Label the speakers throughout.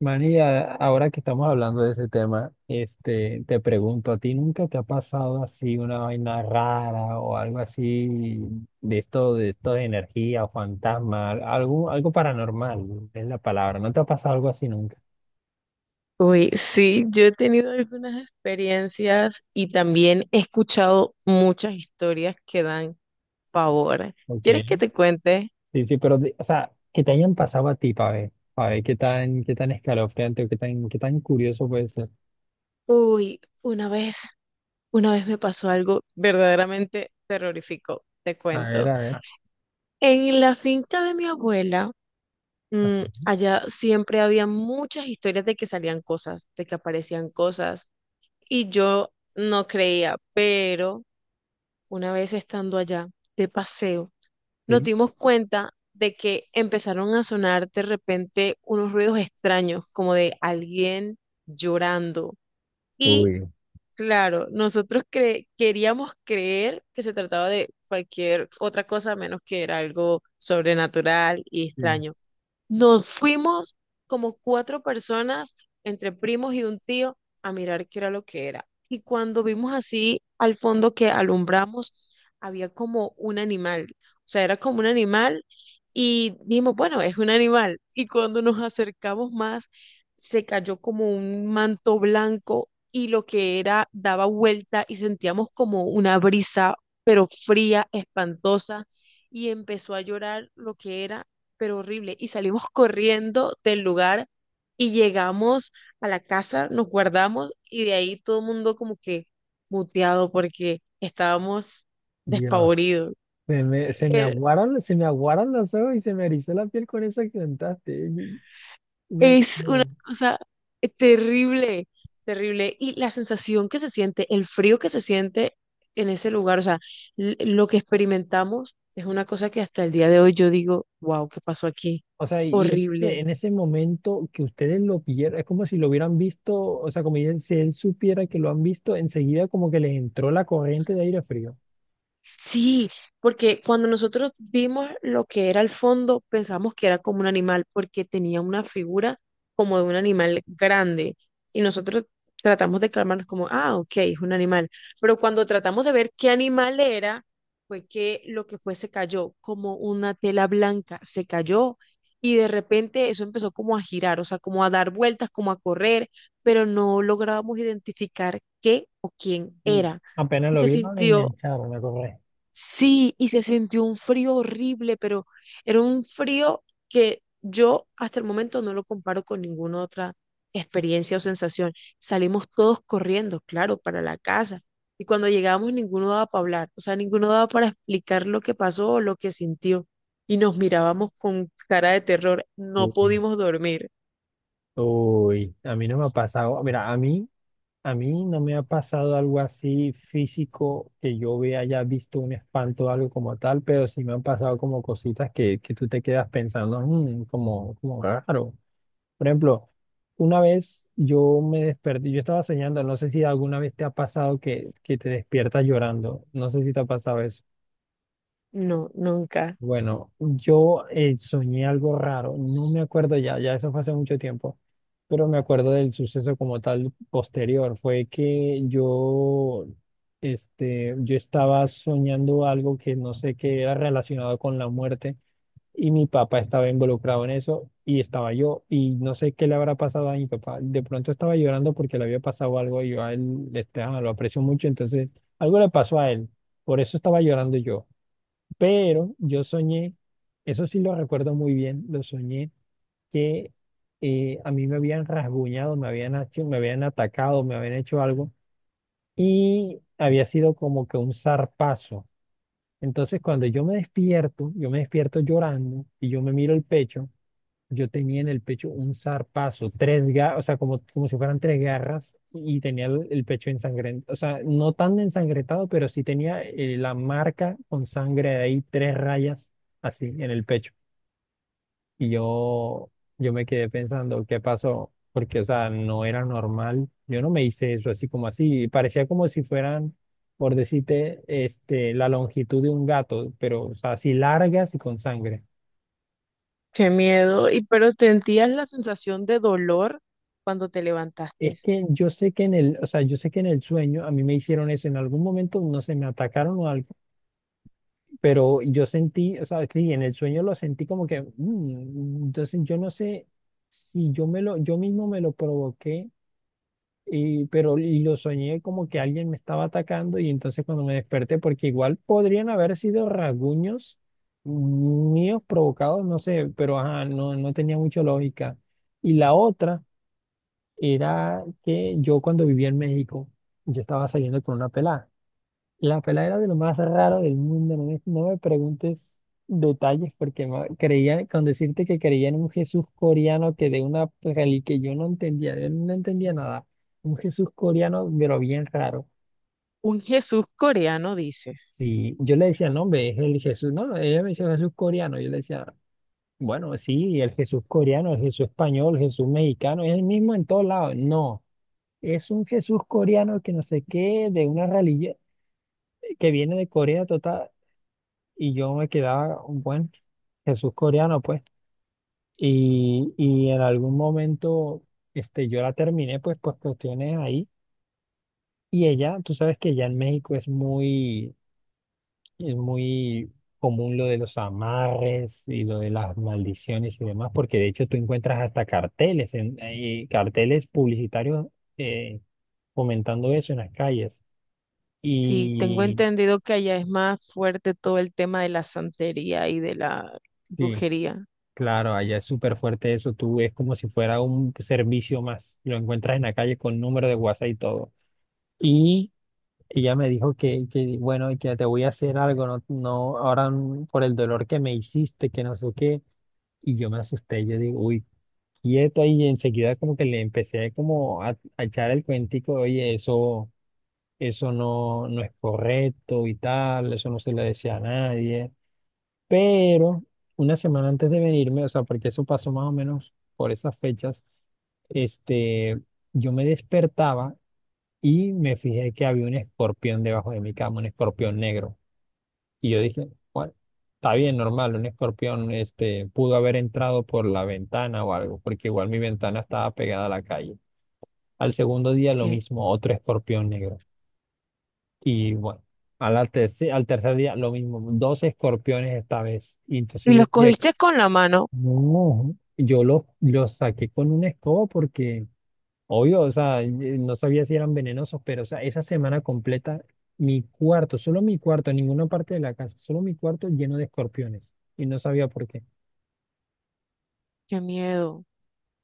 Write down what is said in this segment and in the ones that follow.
Speaker 1: Manny, ahora que estamos hablando de ese tema, te pregunto, ¿a ti nunca te ha pasado así una vaina rara o algo así de esto, de energía o fantasma, algo, algo paranormal, es la palabra? ¿No te ha pasado algo así nunca?
Speaker 2: Uy, sí, yo he tenido algunas experiencias y también he escuchado muchas historias que dan pavor.
Speaker 1: Ok,
Speaker 2: ¿Quieres que te cuente?
Speaker 1: sí, sí, pero, o sea, que te hayan pasado a ti, para ver qué tan escalofriante o qué tan curioso puede ser.
Speaker 2: Uy, una vez me pasó algo verdaderamente terrorífico, te cuento.
Speaker 1: A ver,
Speaker 2: En la finca de mi abuela, allá siempre había muchas historias de que salían cosas, de que aparecían cosas, y yo no creía, pero una vez estando allá de paseo, nos
Speaker 1: así.
Speaker 2: dimos cuenta de que empezaron a sonar de repente unos ruidos extraños, como de alguien llorando. Y
Speaker 1: Uy.
Speaker 2: claro, nosotros queríamos creer que se trataba de cualquier otra cosa menos que era algo sobrenatural y
Speaker 1: Sí.
Speaker 2: extraño. Nos fuimos como cuatro personas, entre primos y un tío, a mirar qué era lo que era. Y cuando vimos así al fondo que alumbramos, había como un animal. O sea, era como un animal y dijimos, bueno, es un animal. Y cuando nos acercamos más, se cayó como un manto blanco y lo que era daba vuelta y sentíamos como una brisa, pero fría, espantosa. Y empezó a llorar lo que era pero horrible. Y salimos corriendo del lugar y llegamos a la casa, nos guardamos y de ahí todo el mundo como que muteado porque estábamos
Speaker 1: Dios.
Speaker 2: despavoridos. Er-
Speaker 1: Se me aguaron los ojos y se me erizó la piel con eso que cantaste.
Speaker 2: Es una
Speaker 1: No.
Speaker 2: cosa terrible, terrible. Y la sensación que se siente, el frío que se siente en ese lugar, o sea, lo que experimentamos es una cosa que hasta el día de hoy yo digo, wow, ¿qué pasó aquí?
Speaker 1: O sea, y
Speaker 2: Horrible.
Speaker 1: en ese momento que ustedes lo vieran, es como si lo hubieran visto, o sea, si él supiera que lo han visto, enseguida como que les entró la corriente de aire frío.
Speaker 2: Sí, porque cuando nosotros vimos lo que era el fondo, pensamos que era como un animal, porque tenía una figura como de un animal grande. Y nosotros tratamos de clamarnos como, ah, ok, es un animal. Pero cuando tratamos de ver qué animal era, fue que lo que fue se cayó, como una tela blanca, se cayó. Y de repente eso empezó como a girar, o sea, como a dar vueltas, como a correr, pero no lográbamos identificar qué o quién
Speaker 1: Mm.
Speaker 2: era
Speaker 1: Apenas
Speaker 2: y
Speaker 1: lo
Speaker 2: se
Speaker 1: vieron, le
Speaker 2: sintió
Speaker 1: engancharon la corriente.
Speaker 2: sí, y se sintió un frío horrible, pero era un frío que yo hasta el momento no lo comparo con ninguna otra experiencia o sensación. Salimos todos corriendo, claro, para la casa. Y cuando llegamos ninguno daba para hablar, o sea, ninguno daba para explicar lo que pasó o lo que sintió. Y nos mirábamos con cara de terror. No
Speaker 1: Uy,
Speaker 2: pudimos dormir.
Speaker 1: uy, a mí no me ha pasado. Mira, a mí. A mí no me ha pasado algo así físico que yo vea, haya visto un espanto o algo como tal, pero sí me han pasado como cositas que tú te quedas pensando, "Mm, como, como raro". Por ejemplo, una vez yo me desperté, yo estaba soñando, no sé si alguna vez te ha pasado que te despiertas llorando, no sé si te ha pasado eso.
Speaker 2: No, nunca.
Speaker 1: Bueno, yo soñé algo raro, no me acuerdo ya, ya eso fue hace mucho tiempo, pero me acuerdo del suceso como tal posterior. Fue que yo, yo estaba soñando algo que no sé qué era relacionado con la muerte y mi papá estaba involucrado en eso y estaba yo y no sé qué le habrá pasado a mi papá. De pronto estaba llorando porque le había pasado algo y yo a él, lo aprecio mucho, entonces algo le pasó a él, por eso estaba llorando yo. Pero yo soñé, eso sí lo recuerdo muy bien, lo soñé que a mí me habían rasguñado, me habían atacado, me habían hecho algo y había sido como que un zarpazo. Entonces cuando yo me despierto llorando y yo me miro el pecho, yo tenía en el pecho un zarpazo, tres garras, o sea, como, como si fueran tres garras y tenía el pecho ensangrentado, o sea, no tan ensangrentado, pero sí tenía la marca con sangre de ahí, tres rayas así en el pecho. Y yo, yo me quedé pensando, ¿qué pasó? Porque, o sea, no era normal. Yo no me hice eso así como así. Parecía como si fueran, por decirte, la longitud de un gato, pero, o sea, así largas y con sangre.
Speaker 2: Qué miedo. Y pero sentías la sensación de dolor cuando te levantaste.
Speaker 1: Es que yo sé que en el, o sea, yo sé que en el sueño a mí me hicieron eso, en algún momento no sé, me atacaron o algo, pero yo sentí, o sea, sí, en el sueño lo sentí como que, mm, entonces yo no sé si yo mismo me lo provoqué, pero y lo soñé como que alguien me estaba atacando y entonces cuando me desperté, porque igual podrían haber sido rasguños míos provocados, no sé, pero ajá, no, no tenía mucha lógica. Y la otra era que yo cuando vivía en México, yo estaba saliendo con una pelada. La pelada era de lo más raro del mundo, no me preguntes detalles porque creía, con decirte que creía en un Jesús coreano que de una religión que yo no entendía nada. Un Jesús coreano, pero bien raro.
Speaker 2: Un Jesús coreano, dices.
Speaker 1: Sí, yo le decía, no, hombre, es el Jesús. No, ella me decía Jesús coreano. Yo le decía, bueno, sí, el Jesús coreano, el Jesús español, el Jesús mexicano, es el mismo en todos lados. No. Es un Jesús coreano que no sé qué, de una religión que viene de Corea total. Y yo me quedaba un buen Jesús coreano, pues. Y en algún momento yo la terminé, pues, por cuestiones ahí. Y ella, tú sabes que ya en México es muy común lo de los amarres y lo de las maldiciones y demás, porque de hecho tú encuentras hasta carteles, carteles publicitarios eh, comentando eso en las calles.
Speaker 2: Sí, tengo
Speaker 1: Y
Speaker 2: entendido que allá es más fuerte todo el tema de la santería y de la
Speaker 1: sí,
Speaker 2: brujería.
Speaker 1: claro, allá es súper fuerte eso, tú, es como si fuera un servicio más, lo encuentras en la calle con número de WhatsApp y todo. Y ella me dijo que bueno, y que te voy a hacer algo, no, no, ahora mm, por el dolor que me hiciste, que no sé qué, y yo me asusté, yo digo, uy, quieto, y enseguida como que le empecé como a echar el cuentico, oye, eso no, no es correcto y tal, eso no se le decía a nadie. Pero una semana antes de venirme, o sea, porque eso pasó más o menos por esas fechas, este, yo me despertaba y me fijé que había un escorpión debajo de mi cama, un escorpión negro. Y yo dije, bueno, está bien, normal, un escorpión, pudo haber entrado por la ventana o algo, porque igual mi ventana estaba pegada a la calle. Al segundo día lo
Speaker 2: ¿Qué?
Speaker 1: mismo, otro escorpión negro. Y bueno, al tercer día lo mismo, dos escorpiones esta vez. Y
Speaker 2: Y
Speaker 1: entonces yo
Speaker 2: los
Speaker 1: decía,
Speaker 2: cogiste con la mano.
Speaker 1: no, yo los lo saqué con una escoba porque, obvio, o sea, no sabía si eran venenosos, pero, o sea, esa semana completa, mi cuarto, solo mi cuarto, ninguna parte de la casa, solo mi cuarto lleno de escorpiones. Y no sabía por qué.
Speaker 2: Qué miedo.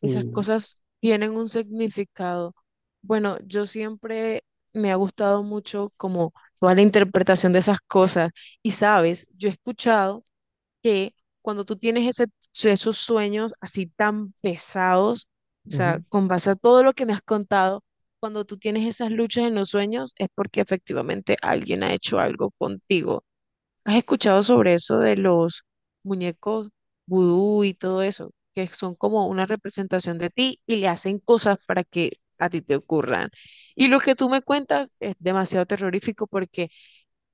Speaker 2: Esas
Speaker 1: Sí,
Speaker 2: cosas tienen un significado. Bueno, yo siempre me ha gustado mucho como toda la interpretación de esas cosas. Y sabes, yo he escuchado que cuando tú tienes esos sueños así tan pesados, o sea,
Speaker 1: ujú,
Speaker 2: con base a todo lo que me has contado, cuando tú tienes esas luchas en los sueños es porque efectivamente alguien ha hecho algo contigo. ¿Has escuchado sobre eso de los muñecos vudú y todo eso? Que son como una representación de ti y le hacen cosas para que a ti te ocurran. Y lo que tú me cuentas es demasiado terrorífico porque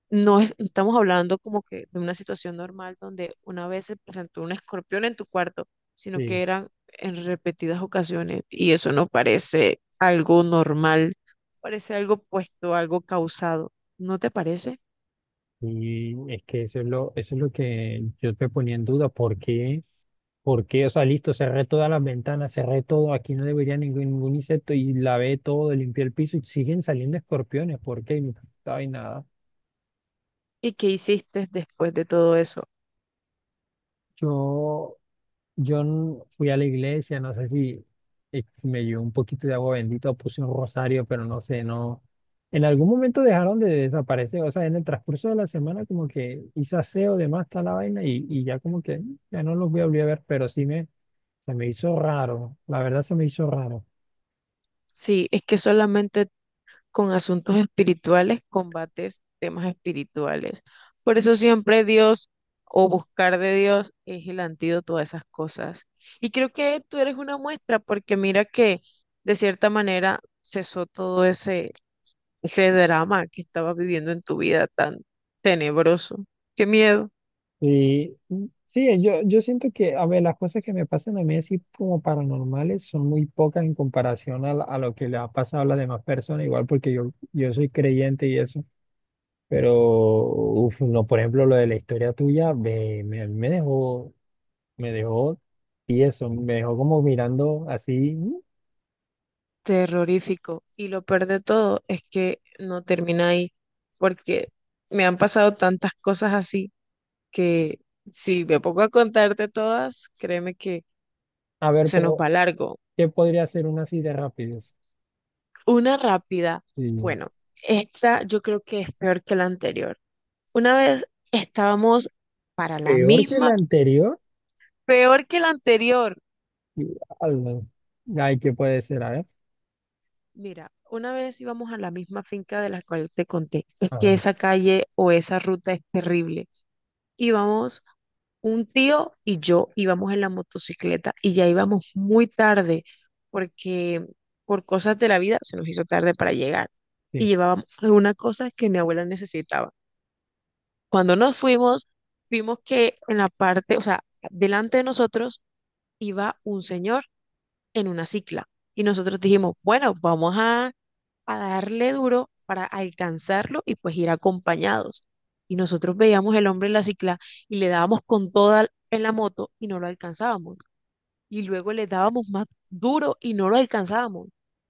Speaker 2: no estamos hablando como que de una situación normal donde una vez se presentó un escorpión en tu cuarto, sino que
Speaker 1: sí.
Speaker 2: eran en repetidas ocasiones y eso no parece algo normal, parece algo puesto, algo causado, ¿no te parece?
Speaker 1: Y es que eso es lo que yo te ponía en duda. ¿Por qué? ¿Por qué? O sea, listo, cerré todas las ventanas, cerré todo, aquí no debería ningún, ningún insecto y lavé todo, limpié el piso y siguen saliendo escorpiones. ¿Por qué? Y no hay nada.
Speaker 2: ¿Y qué hiciste después de todo eso?
Speaker 1: Yo, fui a la iglesia, no sé si si me llevó un poquito de agua bendita o puse un rosario, pero no sé, no. En algún momento dejaron de desaparecer, o sea, en el transcurso de la semana como que hice aseo, demás, tal la vaina y ya como que mm, ya no los voy a volver a ver, pero se me hizo raro, la verdad se me hizo raro.
Speaker 2: Sí, es que solamente con asuntos espirituales, combates temas espirituales. Por eso siempre Dios o buscar de Dios es el antídoto a esas cosas. Y creo que tú eres una muestra porque mira que de cierta manera cesó todo ese drama que estabas viviendo en tu vida tan tenebroso. Qué miedo,
Speaker 1: Sí, sí, yo siento que, a ver, las cosas que me pasan a mí así como paranormales son muy pocas en comparación a, a lo que le ha pasado a las demás personas, igual porque yo soy creyente y eso, pero, uf, no, por ejemplo, lo de la historia tuya me dejó, y eso, me dejó como mirando así, "Mm".
Speaker 2: terrorífico. Y lo peor de todo es que no termina ahí porque me han pasado tantas cosas así que si me pongo a contarte todas, créeme que
Speaker 1: A ver,
Speaker 2: se nos
Speaker 1: pero,
Speaker 2: va largo.
Speaker 1: ¿qué podría ser una así de rapidez?
Speaker 2: Una rápida,
Speaker 1: Sí,
Speaker 2: bueno, esta yo creo que es peor que la anterior. Una vez estábamos para la
Speaker 1: peor que
Speaker 2: misma,
Speaker 1: la anterior,
Speaker 2: peor que la anterior.
Speaker 1: y, al- ay, ¿qué puede ser? A ver,
Speaker 2: Mira, una vez íbamos a la misma finca de la cual te conté. Es que
Speaker 1: ajá,
Speaker 2: esa calle o esa ruta es terrible. Íbamos un tío y yo íbamos en la motocicleta y ya íbamos muy tarde porque por cosas de la vida se nos hizo tarde para llegar y
Speaker 1: sí,
Speaker 2: llevábamos algunas cosas que mi abuela necesitaba. Cuando nos fuimos, vimos que en la parte, o sea, delante de nosotros iba un señor en una cicla y nosotros dijimos, bueno, vamos a darle duro para alcanzarlo y pues ir acompañados. Y nosotros veíamos el hombre en la cicla y le dábamos con toda en la moto y no lo alcanzábamos. Y luego le dábamos más duro y no lo alcanzábamos.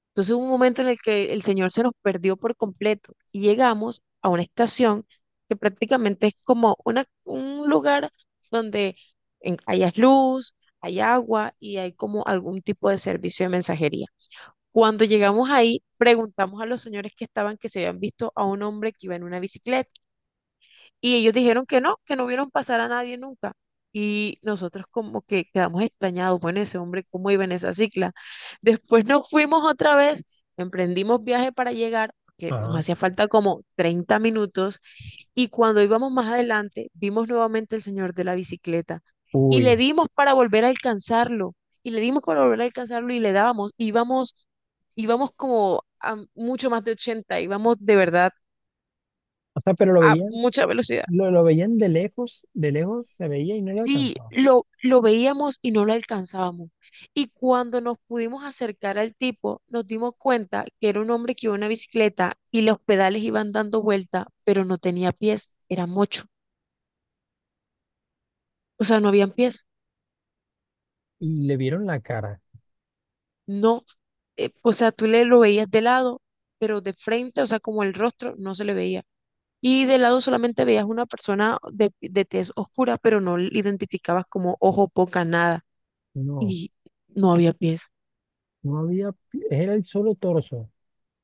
Speaker 2: Entonces hubo un momento en el que el señor se nos perdió por completo y llegamos a una estación que prácticamente es como una, un lugar donde hayas luz, hay agua y hay como algún tipo de servicio de mensajería. Cuando llegamos ahí, preguntamos a los señores que estaban que se habían visto a un hombre que iba en una bicicleta y ellos dijeron que no vieron pasar a nadie nunca. Y nosotros como que quedamos extrañados, bueno, ese hombre, ¿cómo iba en esa cicla? Después nos fuimos otra vez, emprendimos viaje para llegar, que nos
Speaker 1: ajá.
Speaker 2: hacía falta como 30 minutos y cuando íbamos más adelante, vimos nuevamente al señor de la bicicleta y
Speaker 1: Uy.
Speaker 2: le dimos para volver a alcanzarlo, y le dimos para volver a alcanzarlo y le dábamos, íbamos, íbamos como a mucho más de 80, íbamos de verdad
Speaker 1: O sea, pero lo
Speaker 2: a
Speaker 1: veían,
Speaker 2: mucha velocidad.
Speaker 1: lo veían de lejos se veía y no lo
Speaker 2: Sí,
Speaker 1: alcanzaban.
Speaker 2: lo veíamos y no lo alcanzábamos. Y cuando nos pudimos acercar al tipo, nos dimos cuenta que era un hombre que iba en una bicicleta y los pedales iban dando vuelta, pero no tenía pies, era mocho, o sea, no habían pies.
Speaker 1: Y le vieron la cara.
Speaker 2: No, o sea, tú le lo veías de lado, pero de frente, o sea, como el rostro, no se le veía. Y de lado solamente veías una persona de tez oscura, pero no le identificabas como ojo, poca, nada.
Speaker 1: No,
Speaker 2: Y no había pies.
Speaker 1: no había, era el solo torso.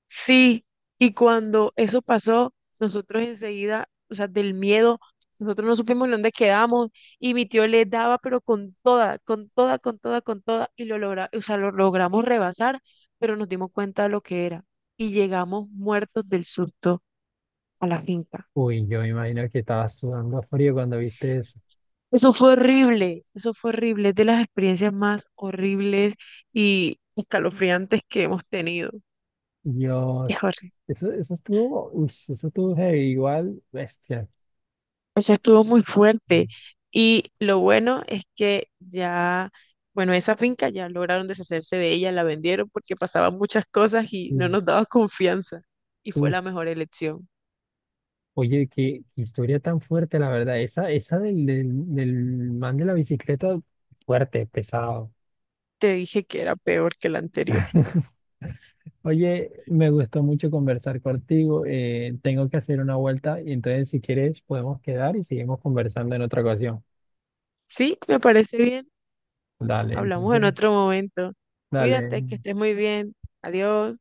Speaker 2: Sí, y cuando eso pasó, nosotros enseguida, o sea, del miedo, nosotros no supimos en dónde quedamos y mi tío le daba, pero con toda, con toda, con toda, con toda, y lo logra, o sea, lo logramos rebasar, pero nos dimos cuenta de lo que era y llegamos muertos del susto a la finca.
Speaker 1: Uy, yo me imagino que estabas sudando a frío cuando viste eso.
Speaker 2: Eso fue horrible, es de las experiencias más horribles y escalofriantes que hemos tenido. Es
Speaker 1: Dios,
Speaker 2: horrible.
Speaker 1: eso estuvo, uy, eso estuvo heavy, igual, bestia.
Speaker 2: O sea, estuvo muy fuerte. Y lo bueno es que ya, bueno, esa finca ya lograron deshacerse de ella, la vendieron porque pasaban muchas cosas y no
Speaker 1: Sí.
Speaker 2: nos daba confianza. Y fue
Speaker 1: Uf,
Speaker 2: la mejor elección.
Speaker 1: oye, qué qué historia tan fuerte, la verdad. Esa del man de la bicicleta, fuerte, pesado.
Speaker 2: Te dije que era peor que la anterior.
Speaker 1: Oye, me gustó mucho conversar contigo. Tengo que hacer una vuelta y entonces si quieres podemos quedar y seguimos conversando en otra ocasión.
Speaker 2: Sí, me parece bien.
Speaker 1: Dale,
Speaker 2: Hablamos en
Speaker 1: entonces,
Speaker 2: otro momento.
Speaker 1: dale.
Speaker 2: Cuídate, que estés muy bien. Adiós.